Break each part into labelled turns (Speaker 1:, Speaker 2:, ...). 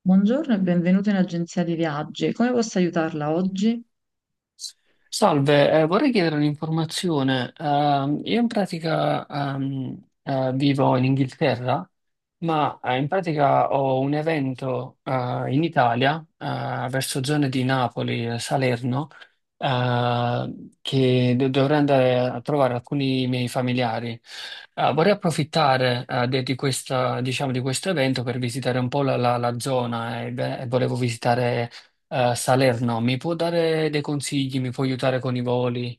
Speaker 1: Buongiorno e benvenuto in agenzia di viaggi. Come posso aiutarla oggi?
Speaker 2: Salve, vorrei chiedere un'informazione. Io in pratica vivo in Inghilterra ma in pratica ho un evento in Italia, verso zone di Napoli, e Salerno, dovrei andare a trovare alcuni miei familiari. Vorrei approfittare di questa, diciamo, di questo evento per visitare un po' la zona e, beh, volevo visitare Salerno. Mi può dare dei consigli? Mi può aiutare con i voli,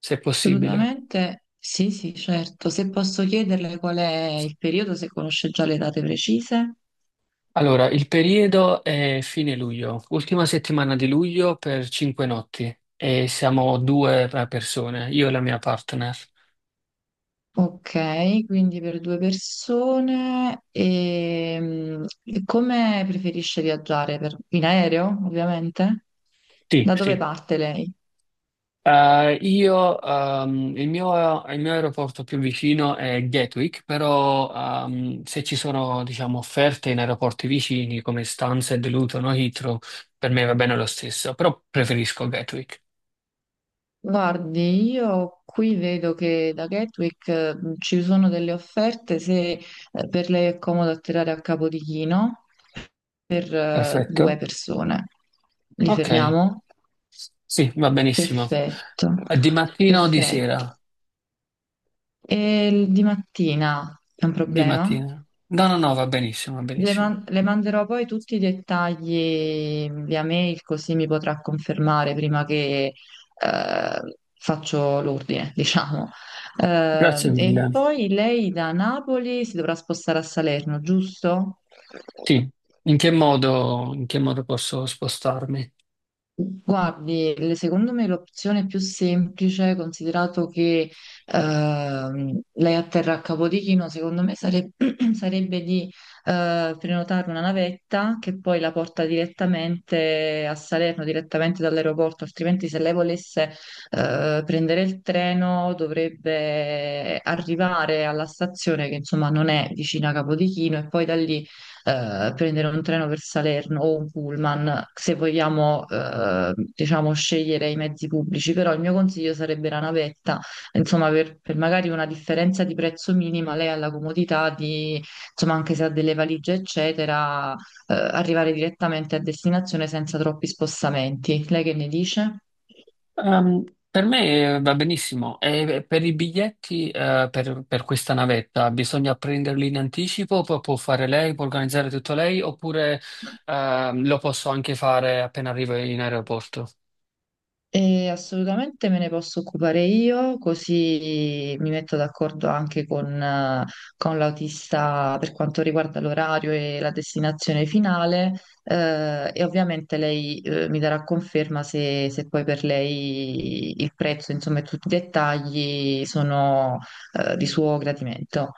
Speaker 2: se è possibile?
Speaker 1: Assolutamente sì, sì, certo. Se posso chiederle qual è il periodo, se conosce già le date precise.
Speaker 2: Allora, il periodo è fine luglio, ultima settimana di luglio per 5 notti e siamo due persone, io e la mia partner.
Speaker 1: Ok, quindi per due persone. E, e come preferisce viaggiare? In aereo, ovviamente?
Speaker 2: Sì,
Speaker 1: Da dove
Speaker 2: sì.
Speaker 1: parte lei?
Speaker 2: Io, il mio aeroporto più vicino è Gatwick, però se ci sono, diciamo, offerte in aeroporti vicini come Stansted, Luton o Heathrow, per me va bene lo stesso, però preferisco Gatwick.
Speaker 1: Guardi, io qui vedo che da Gatwick ci sono delle offerte se per lei è comodo atterrare a Capodichino per due
Speaker 2: Perfetto.
Speaker 1: persone. Li
Speaker 2: Ok,
Speaker 1: fermiamo?
Speaker 2: sì, va benissimo.
Speaker 1: Perfetto,
Speaker 2: Di mattina o di
Speaker 1: perfetto.
Speaker 2: sera?
Speaker 1: E il di mattina è un
Speaker 2: Di
Speaker 1: problema?
Speaker 2: mattina. No, no, no, va benissimo, va
Speaker 1: Le,
Speaker 2: benissimo.
Speaker 1: le manderò poi tutti i dettagli via mail, così mi potrà confermare prima che eh, faccio l'ordine, diciamo.
Speaker 2: Grazie
Speaker 1: E
Speaker 2: mille.
Speaker 1: poi lei da Napoli si dovrà spostare a Salerno, giusto?
Speaker 2: Sì, in che modo posso spostarmi?
Speaker 1: Guardi, secondo me l'opzione più semplice, considerato che lei atterra a Capodichino, secondo me sarebbe di prenotare una navetta che poi la porta direttamente a Salerno, direttamente dall'aeroporto, altrimenti se lei volesse prendere il treno dovrebbe arrivare alla stazione che insomma non è vicina a Capodichino e poi da lì prendere un treno per Salerno o un pullman, se vogliamo, diciamo, scegliere i mezzi pubblici, però il mio consiglio sarebbe la navetta, insomma, per magari una differenza di prezzo minima, lei ha la comodità di, insomma, anche se ha delle valigie, eccetera, arrivare direttamente a destinazione senza troppi spostamenti. Lei che ne dice?
Speaker 2: Ehm, per me va benissimo. E per i biglietti, per questa navetta, bisogna prenderli in anticipo, poi può fare lei, può organizzare tutto lei, oppure, lo posso anche fare appena arrivo in aeroporto?
Speaker 1: E assolutamente me ne posso occupare io, così mi metto d'accordo anche con l'autista per quanto riguarda l'orario e la destinazione finale, e ovviamente lei, mi darà conferma se, se poi per lei il prezzo, insomma, e tutti i dettagli sono, di suo gradimento.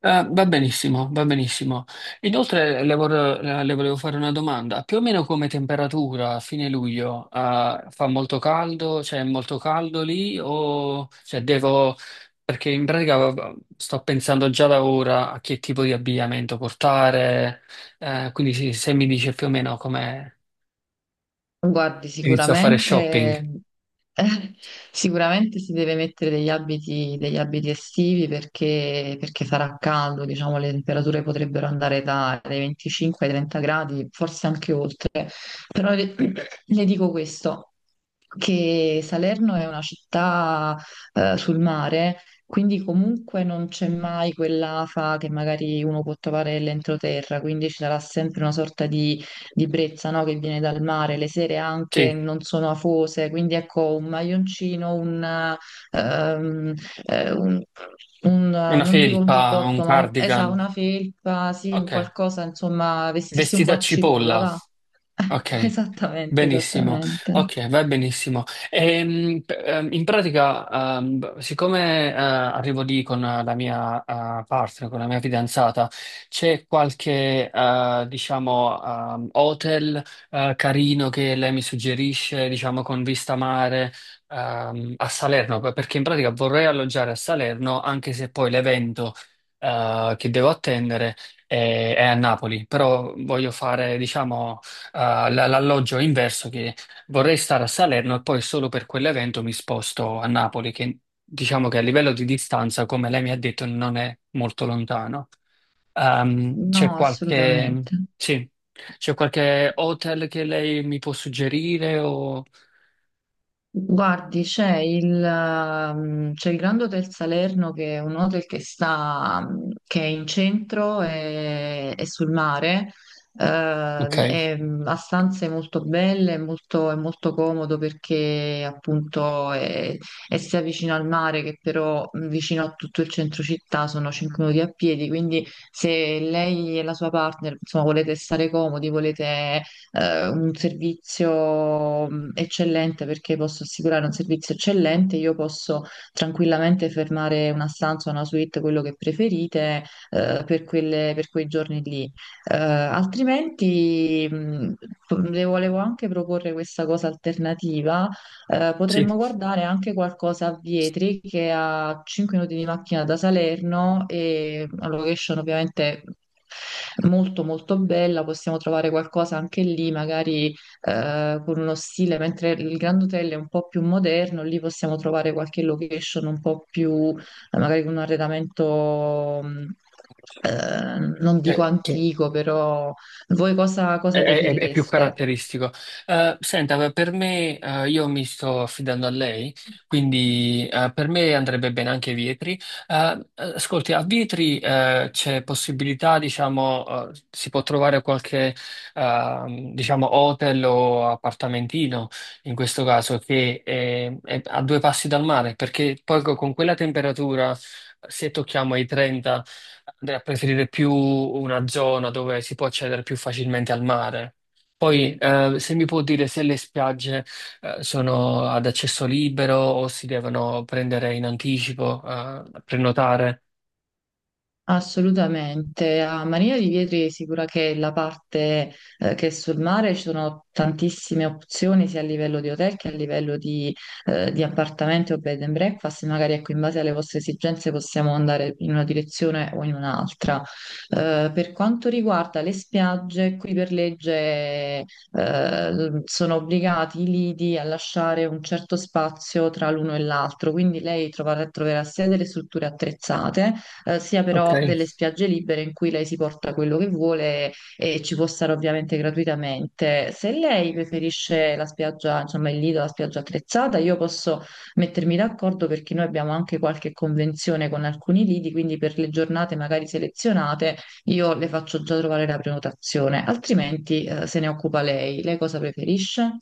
Speaker 2: Va benissimo, va benissimo. Inoltre le volevo fare una domanda. Più o meno come temperatura a fine luglio, fa molto caldo? Cioè è molto caldo lì? O cioè, devo... Perché in pratica sto pensando già da ora a che tipo di abbigliamento portare, quindi sì, se mi dice più o meno come
Speaker 1: Guardi,
Speaker 2: inizio a fare shopping.
Speaker 1: sicuramente, eh, sicuramente si deve mettere degli abiti estivi perché, perché sarà caldo, diciamo, le temperature potrebbero andare dai 25 ai 30 gradi, forse anche oltre. Però le, le dico questo, che Salerno è una città, sul mare, quindi comunque non c'è mai quell'afa che magari uno può trovare nell'entroterra, quindi ci sarà sempre una sorta di brezza, no? Che viene dal mare, le sere anche
Speaker 2: Sì,
Speaker 1: non sono afose, quindi ecco un maglioncino, un, ehm, eh, un- un,
Speaker 2: una
Speaker 1: non dico un
Speaker 2: felpa, un
Speaker 1: giubbotto, ma un,
Speaker 2: cardigan.
Speaker 1: una felpa, sì, un
Speaker 2: Ok,
Speaker 1: qualcosa, insomma, vestirsi un po'
Speaker 2: vestita a
Speaker 1: a cipolla,
Speaker 2: cipolla.
Speaker 1: va?
Speaker 2: Ok,
Speaker 1: Esattamente,
Speaker 2: benissimo.
Speaker 1: esattamente.
Speaker 2: Ok, va benissimo. In pratica, siccome arrivo lì con la mia partner, con la mia fidanzata, c'è qualche, diciamo, hotel carino che lei mi suggerisce, diciamo, con vista mare a Salerno, perché in pratica vorrei alloggiare a Salerno, anche se poi l'evento che devo attendere è a Napoli, però voglio fare, diciamo l'alloggio è inverso che vorrei stare a Salerno e poi solo per quell'evento mi sposto a Napoli, che diciamo che a livello di distanza, come lei mi ha detto, non è molto lontano. C'è
Speaker 1: No,
Speaker 2: qualche,
Speaker 1: assolutamente.
Speaker 2: sì, c'è qualche hotel che lei mi può suggerire o...
Speaker 1: Guardi, c'è c'è il Grand Hotel Salerno che è un hotel che è in centro e sul mare,
Speaker 2: Ok,
Speaker 1: mm, ha stanze molto belle, è molto comodo perché appunto è sia vicino al mare che però vicino a tutto il centro città, sono 5 minuti a piedi, quindi se lei e la sua partner insomma, volete stare comodi, volete un servizio eccellente perché posso assicurare un servizio eccellente, io posso tranquillamente fermare una stanza, una suite, quello che preferite, per per quei giorni lì. Altrimenti, le volevo anche proporre questa cosa alternativa,
Speaker 2: sì.
Speaker 1: potremmo guardare anche qualcosa a Vietri che è a 5 minuti di macchina da Salerno e una location ovviamente molto molto bella, possiamo trovare qualcosa anche lì, magari con uno stile, mentre il Grand Hotel è un po' più moderno, lì possiamo trovare qualche location un po' più, magari con un arredamento non dico
Speaker 2: Eh, che-
Speaker 1: antico, però voi cosa
Speaker 2: È,
Speaker 1: cosa
Speaker 2: è più
Speaker 1: preferireste?
Speaker 2: caratteristico. Senta, ma per me, io mi sto affidando a lei, quindi per me andrebbe bene anche Vietri. Ascolti, a Vietri c'è possibilità, diciamo, si può trovare qualche, diciamo, hotel o appartamentino, in questo caso, è a due passi dal mare, perché poi con quella temperatura, se tocchiamo i 30, andrei a preferire più una zona dove si può accedere più facilmente al mare. Poi, se mi può dire se le spiagge, sono ad accesso libero o si devono prendere in anticipo, prenotare.
Speaker 1: Assolutamente, a Marina di Vietri è sicura che la parte che è sul mare ci sono tantissime opzioni sia a livello di hotel che a livello di appartamenti o bed and breakfast, magari ecco, in base alle vostre esigenze possiamo andare in una direzione o in un'altra. Per quanto riguarda le spiagge, qui per legge sono obbligati i lidi a lasciare un certo spazio tra l'uno e l'altro, quindi lei troverà, troverà sia delle strutture attrezzate, sia
Speaker 2: Ok.
Speaker 1: però delle spiagge libere in cui lei si porta quello che vuole e ci può stare ovviamente gratuitamente. Se lei preferisce la spiaggia, insomma il lido, la spiaggia attrezzata, io posso mettermi d'accordo perché noi abbiamo anche qualche convenzione con alcuni lidi, quindi per le giornate magari selezionate io le faccio già trovare la prenotazione, altrimenti se ne occupa lei. Lei cosa preferisce?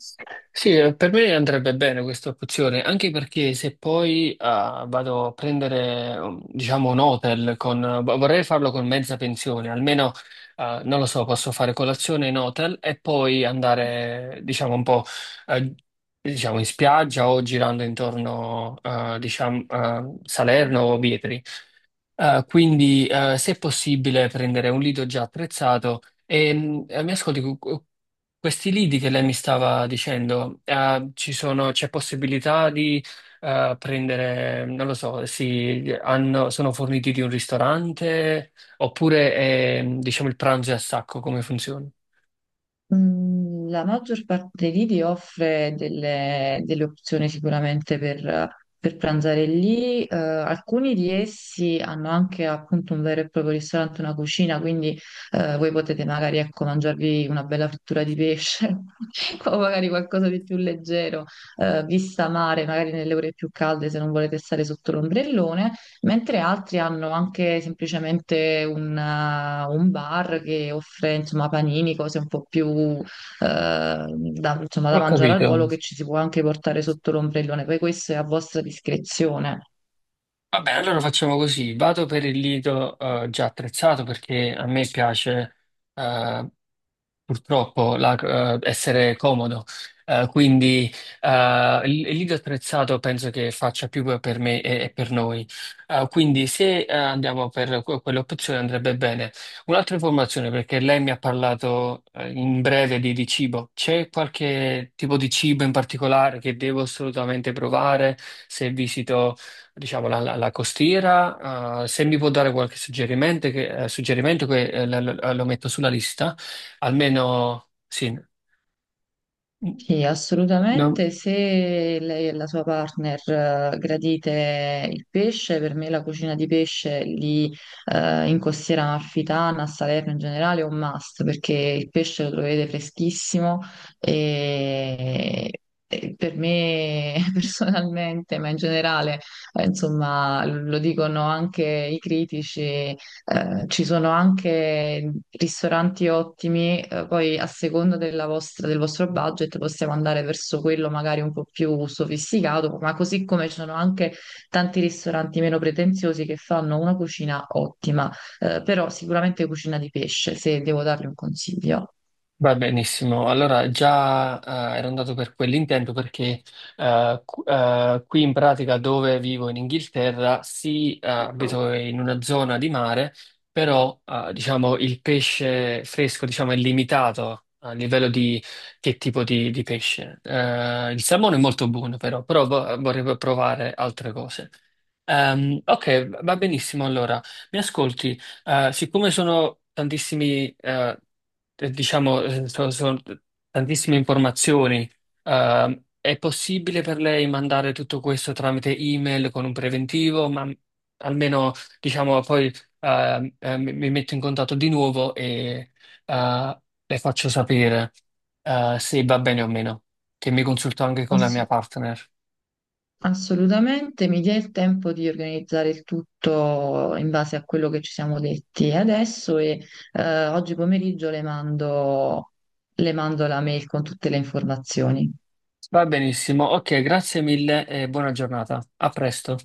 Speaker 2: Sì, per me andrebbe bene questa opzione, anche perché se poi ah, vado a prendere, diciamo, un hotel vorrei farlo con mezza pensione, almeno, ah, non lo so, posso fare colazione in hotel e poi andare, diciamo, un po', eh, diciamo, in spiaggia o girando intorno, ah, diciamo, a Salerno o Vietri. Se è possibile, prendere un lido già attrezzato e mi ascolti, questi lidi che lei mi stava dicendo, c'è possibilità di prendere, non lo so, si, sono forniti di un ristorante oppure è, diciamo il pranzo è a sacco, come funziona?
Speaker 1: Mm, la maggior parte dei lidi offre delle, delle opzioni sicuramente per pranzare lì. Alcuni di essi hanno anche appunto un vero e proprio ristorante, una cucina, quindi voi potete magari ecco, mangiarvi una bella frittura di pesce o magari qualcosa di più leggero, vista mare, magari nelle ore più calde se non volete stare sotto l'ombrellone, mentre altri hanno anche semplicemente un bar che offre insomma panini, cose un po' più da, insomma, da
Speaker 2: Ho
Speaker 1: mangiare al
Speaker 2: capito.
Speaker 1: volo che ci si può anche portare sotto l'ombrellone, poi questo è a vostra discrezione.
Speaker 2: Vabbè, allora facciamo così. Vado per il lido già attrezzato perché a me piace eh, essere comodo. Quindi il il lido attrezzato penso che faccia più per me e per noi. Quindi se andiamo per quell'opzione andrebbe bene. Un'altra informazione, perché lei mi ha parlato in breve di cibo. C'è qualche tipo di cibo in particolare che devo assolutamente provare se visito, diciamo, la costiera? Se mi può dare qualche suggerimento suggerimento che lo metto sulla lista. Almeno sì, n-
Speaker 1: Sì,
Speaker 2: non-
Speaker 1: assolutamente. Se lei e la sua partner gradite il pesce, per me la cucina di pesce lì, in Costiera Amalfitana, a Salerno in generale, è un must perché il pesce lo trovate freschissimo e, e per me personalmente, ma in generale, insomma, lo dicono anche i critici. Ci sono anche ristoranti ottimi, poi a seconda del vostro budget possiamo andare verso quello magari un po' più sofisticato, ma così come ci sono anche tanti ristoranti meno pretenziosi che fanno una cucina ottima, però sicuramente cucina di pesce, se devo dargli un consiglio.
Speaker 2: va benissimo. Allora già ero andato per quell'intento perché qui in pratica dove vivo in Inghilterra, sì, abito in una zona di mare, però diciamo il pesce fresco diciamo, è limitato a livello di che tipo di pesce. Il salmone è molto buono però, però vorrei provare altre cose. Ok, va benissimo allora. Mi ascolti? Siccome sono tantissimi, diciamo, sono, tantissime informazioni, è possibile per lei mandare tutto questo tramite email con un preventivo, ma almeno, diciamo, poi mi metto in contatto di nuovo e le faccio sapere se va bene o meno, che mi consulto anche con la mia partner.
Speaker 1: Assolutamente, mi dia il tempo di organizzare il tutto in base a quello che ci siamo detti adesso e oggi pomeriggio le mando la mail con tutte le informazioni.
Speaker 2: Va benissimo, ok, grazie mille e buona giornata. A presto.